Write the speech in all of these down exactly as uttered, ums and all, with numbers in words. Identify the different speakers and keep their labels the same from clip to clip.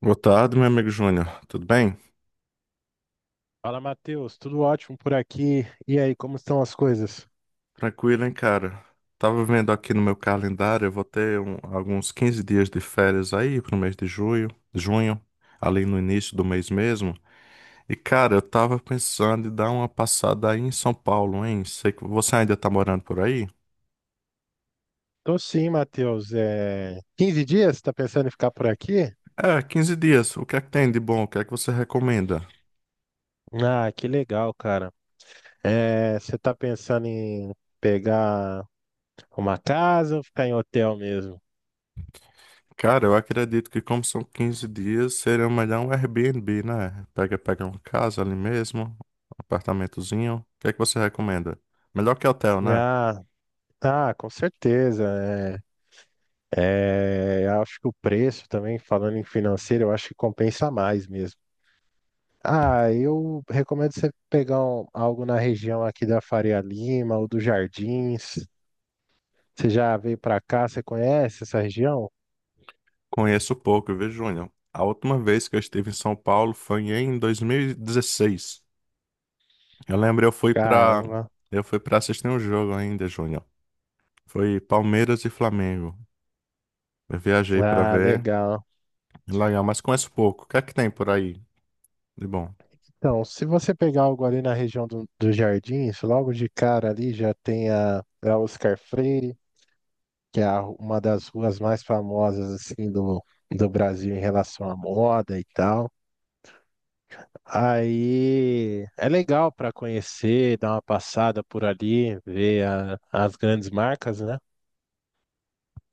Speaker 1: Boa tarde, meu amigo Júnior. Tudo bem?
Speaker 2: Fala, Matheus, tudo ótimo por aqui. E aí, como estão as coisas?
Speaker 1: Tranquilo, hein, cara? Tava vendo aqui no meu calendário, eu vou ter um- alguns quinze dias de férias aí pro mês de junho, junho, ali no início do mês mesmo. E, cara, eu tava pensando em dar uma passada aí em São Paulo, hein? Sei que você ainda tá morando por aí?
Speaker 2: Tô sim, Matheus. É... 15 dias? Tá pensando em ficar por aqui?
Speaker 1: É, quinze dias. O que é que tem de bom? O que é que você recomenda?
Speaker 2: Ah, que legal, cara. É... Você tá pensando em pegar uma casa ou ficar em hotel mesmo?
Speaker 1: Cara, eu acredito que como são quinze dias, seria melhor um Airbnb, né? Pega, pega uma casa ali mesmo, um apartamentozinho. O que é que você recomenda? Melhor que hotel, né?
Speaker 2: Ah, ah, com certeza. É... É... Acho que o preço também, falando em financeiro, eu acho que compensa mais mesmo. Ah, eu recomendo você pegar um- algo na região aqui da Faria Lima ou dos Jardins. Você já veio pra cá? Você conhece essa região?
Speaker 1: Conheço pouco, viu, Júnior? A última vez que eu estive em São Paulo foi em dois mil e dezesseis. Eu lembro, eu fui pra,
Speaker 2: Caramba.
Speaker 1: eu fui pra assistir um jogo ainda, Júnior. Foi Palmeiras e Flamengo. Eu viajei pra
Speaker 2: Ah,
Speaker 1: ver.
Speaker 2: legal.
Speaker 1: Legal, mas conheço pouco. O que é que tem por aí? De bom,
Speaker 2: Então, se você pegar algo ali na região do- dos Jardins, logo de cara ali já tem a, a Oscar Freire, que é a uma das ruas mais famosas assim do, do Brasil em relação à moda e tal. Aí é legal para conhecer, dar uma passada por ali, ver a- as grandes marcas, né?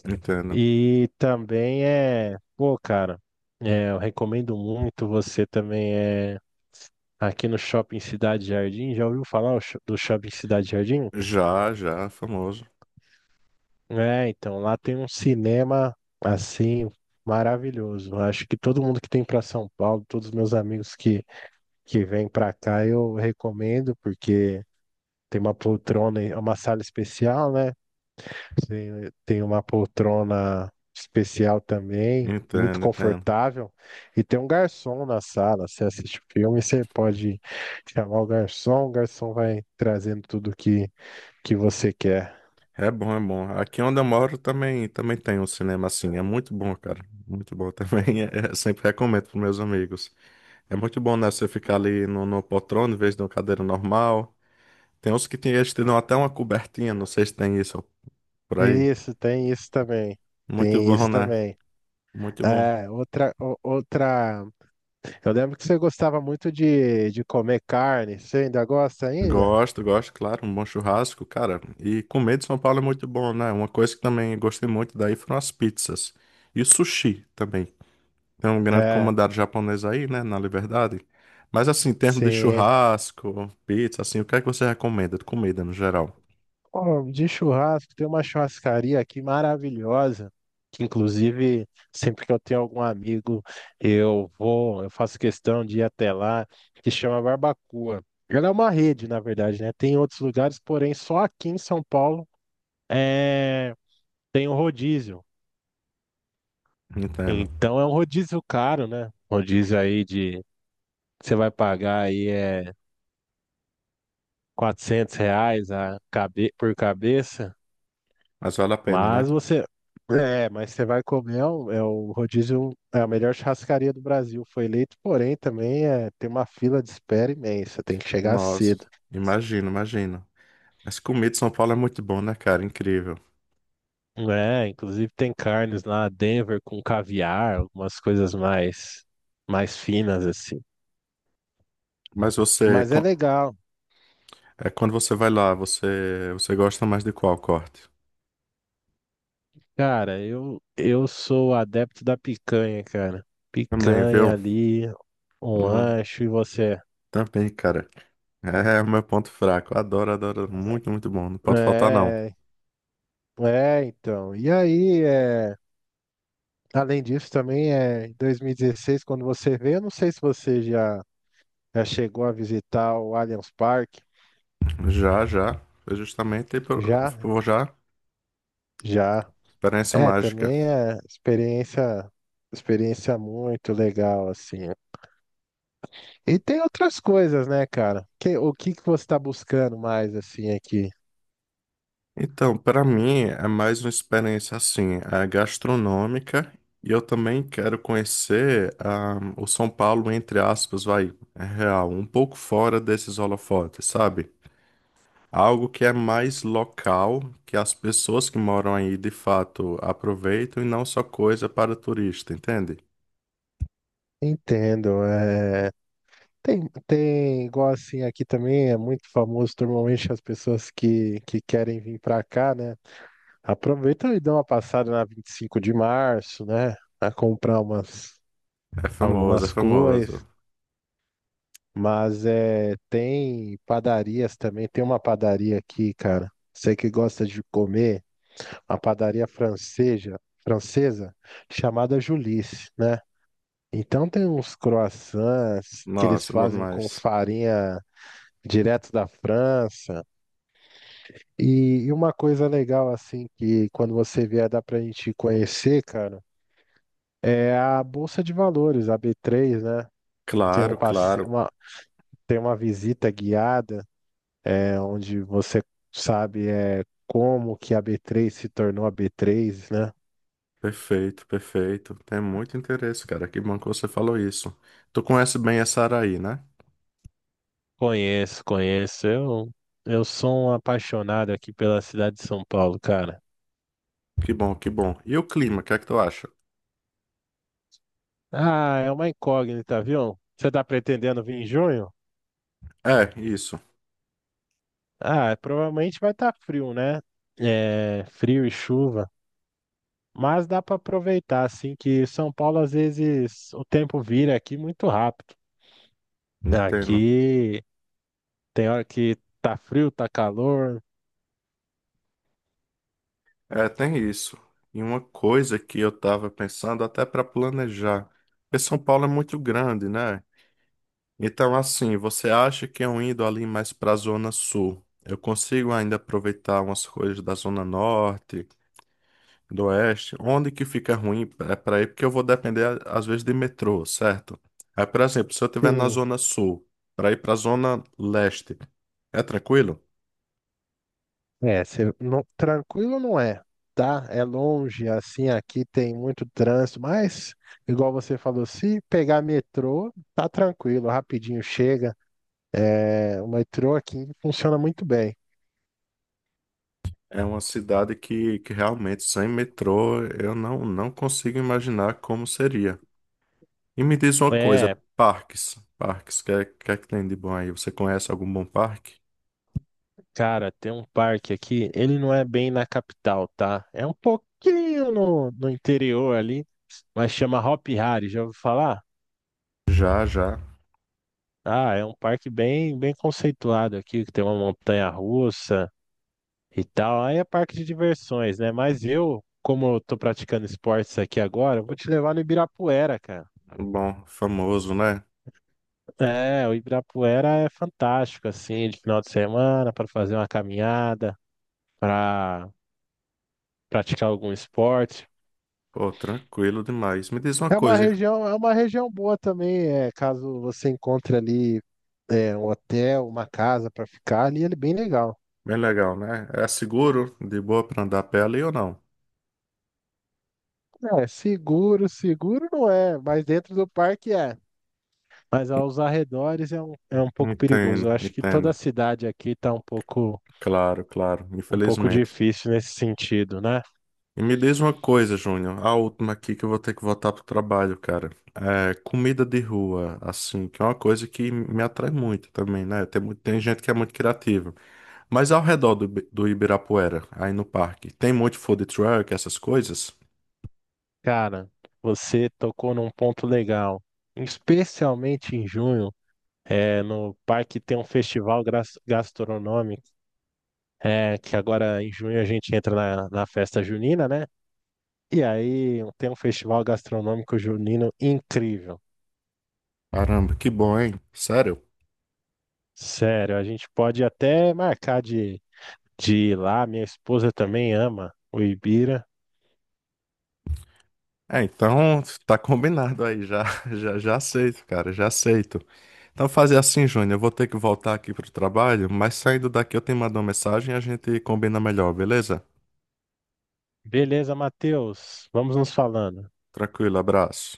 Speaker 1: entendo.
Speaker 2: E também é, pô, cara, é, eu recomendo muito você também é aqui no Shopping Cidade Jardim. Já ouviu falar o sho- do Shopping Cidade Jardim?
Speaker 1: Já, já, famoso.
Speaker 2: É, então lá tem um cinema assim maravilhoso. Acho que todo mundo que tem para São Paulo, todos os meus amigos que que vêm para cá, eu recomendo porque tem uma poltrona, e- uma sala especial, né? Sim, tem uma poltrona especial também, muito
Speaker 1: Entendo, entendo.
Speaker 2: confortável. E tem um garçom na sala. Você assiste o filme, você pode chamar o garçom, o garçom vai trazendo tudo que, que você quer.
Speaker 1: É bom, é bom. Aqui onde eu moro também, também tem um cinema assim. É muito bom, cara. Muito bom também. É, sempre recomendo para meus amigos. É muito bom, né? Você ficar ali no, no poltrona em vez de uma cadeira normal. Tem uns que tem, eles te dão até uma cobertinha. Não sei se tem isso por aí.
Speaker 2: Isso, tem isso também.
Speaker 1: Muito
Speaker 2: Tem
Speaker 1: bom,
Speaker 2: isso
Speaker 1: né?
Speaker 2: também.
Speaker 1: Muito bom.
Speaker 2: É, outra, o- outra. Eu lembro que você gostava muito de, de comer carne. Você ainda gosta ainda?
Speaker 1: Gosto, gosto, claro. Um bom churrasco, cara. E comer de São Paulo é muito bom, né? Uma coisa que também gostei muito daí foram as pizzas. E o sushi também. Tem um grande
Speaker 2: É,
Speaker 1: comandante japonês aí, né, na Liberdade. Mas assim, em termos de
Speaker 2: sim.
Speaker 1: churrasco, pizza, assim, o que é que você recomenda de comida no geral?
Speaker 2: Ó, de churrasco, tem uma churrascaria aqui maravilhosa, que inclusive sempre que eu tenho algum amigo, eu vou, eu faço questão de ir até lá, que chama Barbacoa. Ela é uma rede, na verdade, né? Tem outros lugares, porém só aqui em São Paulo é... tem um rodízio.
Speaker 1: Entendo.
Speaker 2: Então é um rodízio caro, né? Rodízio aí de, você vai pagar aí é quatrocentos reais a cabe... por cabeça.
Speaker 1: Mas vale a pena, né?
Speaker 2: Mas você. É, mas você vai comer, é o, é o rodízio, é a melhor churrascaria do Brasil. Foi eleito, porém, também é, tem uma fila de espera imensa, tem que chegar
Speaker 1: Nossa,
Speaker 2: cedo.
Speaker 1: imagino, imagino. Mas comida de São Paulo é muito bom, né, cara? Incrível.
Speaker 2: É, inclusive tem carnes lá, Denver com caviar, algumas coisas mais, mais finas assim.
Speaker 1: Mas você,
Speaker 2: Mas é
Speaker 1: qu-
Speaker 2: legal.
Speaker 1: é, quando você vai lá, você, você gosta mais de qual corte?
Speaker 2: Cara, eu, eu sou adepto da picanha, cara.
Speaker 1: Também,
Speaker 2: Picanha
Speaker 1: viu?
Speaker 2: ali,
Speaker 1: Eu
Speaker 2: um
Speaker 1: não-
Speaker 2: ancho e você.
Speaker 1: Também, cara. É é o meu ponto fraco. Adoro, adoro. Muito, muito bom. Não pode faltar, não.
Speaker 2: É, é, então. E aí, é. Além disso, também é em dois mil e dezesseis, quando você veio, eu não sei se você já, já chegou a visitar o Allianz Parque.
Speaker 1: Já, já. Foi justamente por,
Speaker 2: Já,
Speaker 1: por já.
Speaker 2: já.
Speaker 1: Experiência
Speaker 2: É,
Speaker 1: mágica.
Speaker 2: também é experiência, experiência muito legal, assim. E tem outras coisas, né, cara? Que, o que que você está buscando mais, assim, aqui?
Speaker 1: Então, para mim é mais uma experiência assim, é gastronômica e eu também quero conhecer ah, o São Paulo, entre aspas, vai, é real, um pouco fora desses holofotes, sabe? Algo que é mais local, que as pessoas que moram aí de fato aproveitam e não só coisa para turista, entende?
Speaker 2: Entendo, é... Tem, tem, igual assim, aqui também é muito famoso, normalmente as pessoas que, que querem vir para cá, né? Aproveita e dá uma passada na vinte e cinco de março, né? A comprar umas,
Speaker 1: É famoso, é
Speaker 2: algumas coisas.
Speaker 1: famoso.
Speaker 2: Mas é, tem padarias também. Tem uma padaria aqui, cara. Você que gosta de comer, uma padaria francesa, francesa chamada Julice, né? Então tem uns croissants que eles
Speaker 1: Nossa, bom
Speaker 2: fazem com
Speaker 1: demais.
Speaker 2: farinha direto da França. E, e uma coisa legal, assim, que quando você vier dá pra gente conhecer, cara, É a Bolsa de Valores, a B três, né? Tem um
Speaker 1: Claro,
Speaker 2: passe...
Speaker 1: claro.
Speaker 2: uma... Tem uma visita guiada, é, onde você sabe é, como que a B três se tornou a B três, né?
Speaker 1: Perfeito, perfeito. Tem muito interesse, cara. Que bom que você falou isso. Tu conhece bem essa área aí, né?
Speaker 2: Conheço, conheço. Eu, eu sou um apaixonado aqui pela cidade de São Paulo, cara.
Speaker 1: Que bom, que bom. E o clima, o que é que tu acha?
Speaker 2: Ah, é uma incógnita, viu? Você tá pretendendo vir em junho?
Speaker 1: É, isso.
Speaker 2: Ah, provavelmente vai estar frio, né? É, frio e chuva. Mas dá para aproveitar, assim, que São Paulo, às vezes, o tempo vira aqui muito rápido.
Speaker 1: Entendo.
Speaker 2: Aqui tem hora que tá frio, tá calor.
Speaker 1: É, tem isso. E uma coisa que eu tava pensando até para planejar, porque São Paulo é muito grande, né? Então, assim, você acha que eu indo ali mais para a Zona Sul, eu consigo ainda aproveitar umas coisas da Zona Norte? Do Oeste, onde que fica ruim é para ir, porque eu vou depender, a- às vezes, de metrô, certo? Aí, por exemplo, se eu estiver na
Speaker 2: Sim,
Speaker 1: Zona Sul, para ir para a Zona Leste, é tranquilo?
Speaker 2: é, cê não- tranquilo não é, tá? É longe, assim, aqui tem muito trânsito, mas, igual você falou, se pegar metrô, tá tranquilo, rapidinho chega. É, o metrô aqui funciona muito bem.
Speaker 1: É uma cidade que, que realmente, sem metrô, eu não, não consigo imaginar como seria. E me diz uma coisa,
Speaker 2: É,
Speaker 1: parques, parques, o que é, que é que tem de bom aí? Você conhece algum bom parque?
Speaker 2: Cara, tem um parque aqui, ele não é bem na capital, tá? É um pouquinho no, no interior ali, mas chama Hop Hari, já ouviu falar?
Speaker 1: Já, já.
Speaker 2: Ah, é um parque bem, bem conceituado aqui, que tem uma montanha russa e tal. Aí é parque de diversões, né? Mas eu, como eu tô praticando esportes aqui agora, eu vou te levar no Ibirapuera, cara.
Speaker 1: Bom, famoso, né?
Speaker 2: É, o Ibirapuera é fantástico, assim, de final de semana, para fazer uma caminhada, para praticar algum esporte.
Speaker 1: Pô, tranquilo demais. Me diz uma
Speaker 2: É uma
Speaker 1: coisa,
Speaker 2: região, é uma região boa também, é, caso você encontre ali é, um hotel, uma casa para ficar ali, ele é bem legal.
Speaker 1: bem legal, né? É seguro, de boa para andar a pé ali ou não?
Speaker 2: É, seguro, seguro não é, mas dentro do parque é. Mas aos arredores é um, é um pouco perigoso.
Speaker 1: Entendo,
Speaker 2: Eu acho que toda a
Speaker 1: entendo.
Speaker 2: cidade aqui tá um pouco,
Speaker 1: Claro, claro,
Speaker 2: um pouco
Speaker 1: infelizmente.
Speaker 2: difícil nesse sentido, né?
Speaker 1: E me diz uma coisa, Júnior, a última aqui que eu vou ter que voltar pro trabalho, cara. É comida de rua, assim, que é uma coisa que me atrai muito também, né? Tem, muito- tem gente que é muito criativa. Mas ao redor do, Ibi- do Ibirapuera, aí no parque, tem muito food truck, essas coisas?
Speaker 2: Cara, você tocou num ponto legal, especialmente em junho. É, no parque tem um festival gras- gastronômico É, que agora em junho a gente entra na, na festa junina, né? E aí tem um festival gastronômico junino incrível.
Speaker 1: Caramba, que bom, hein? Sério?
Speaker 2: Sério, a gente pode até marcar de, de ir lá. Minha esposa também ama o Ibira.
Speaker 1: É, então tá combinado aí, já, já, já aceito, cara, já aceito. Então fazer assim, Júnior, eu vou ter que voltar aqui pro trabalho, mas saindo daqui eu te mando uma mensagem e a gente combina melhor, beleza?
Speaker 2: Beleza, Matheus, vamos nos falando.
Speaker 1: Tranquilo, abraço.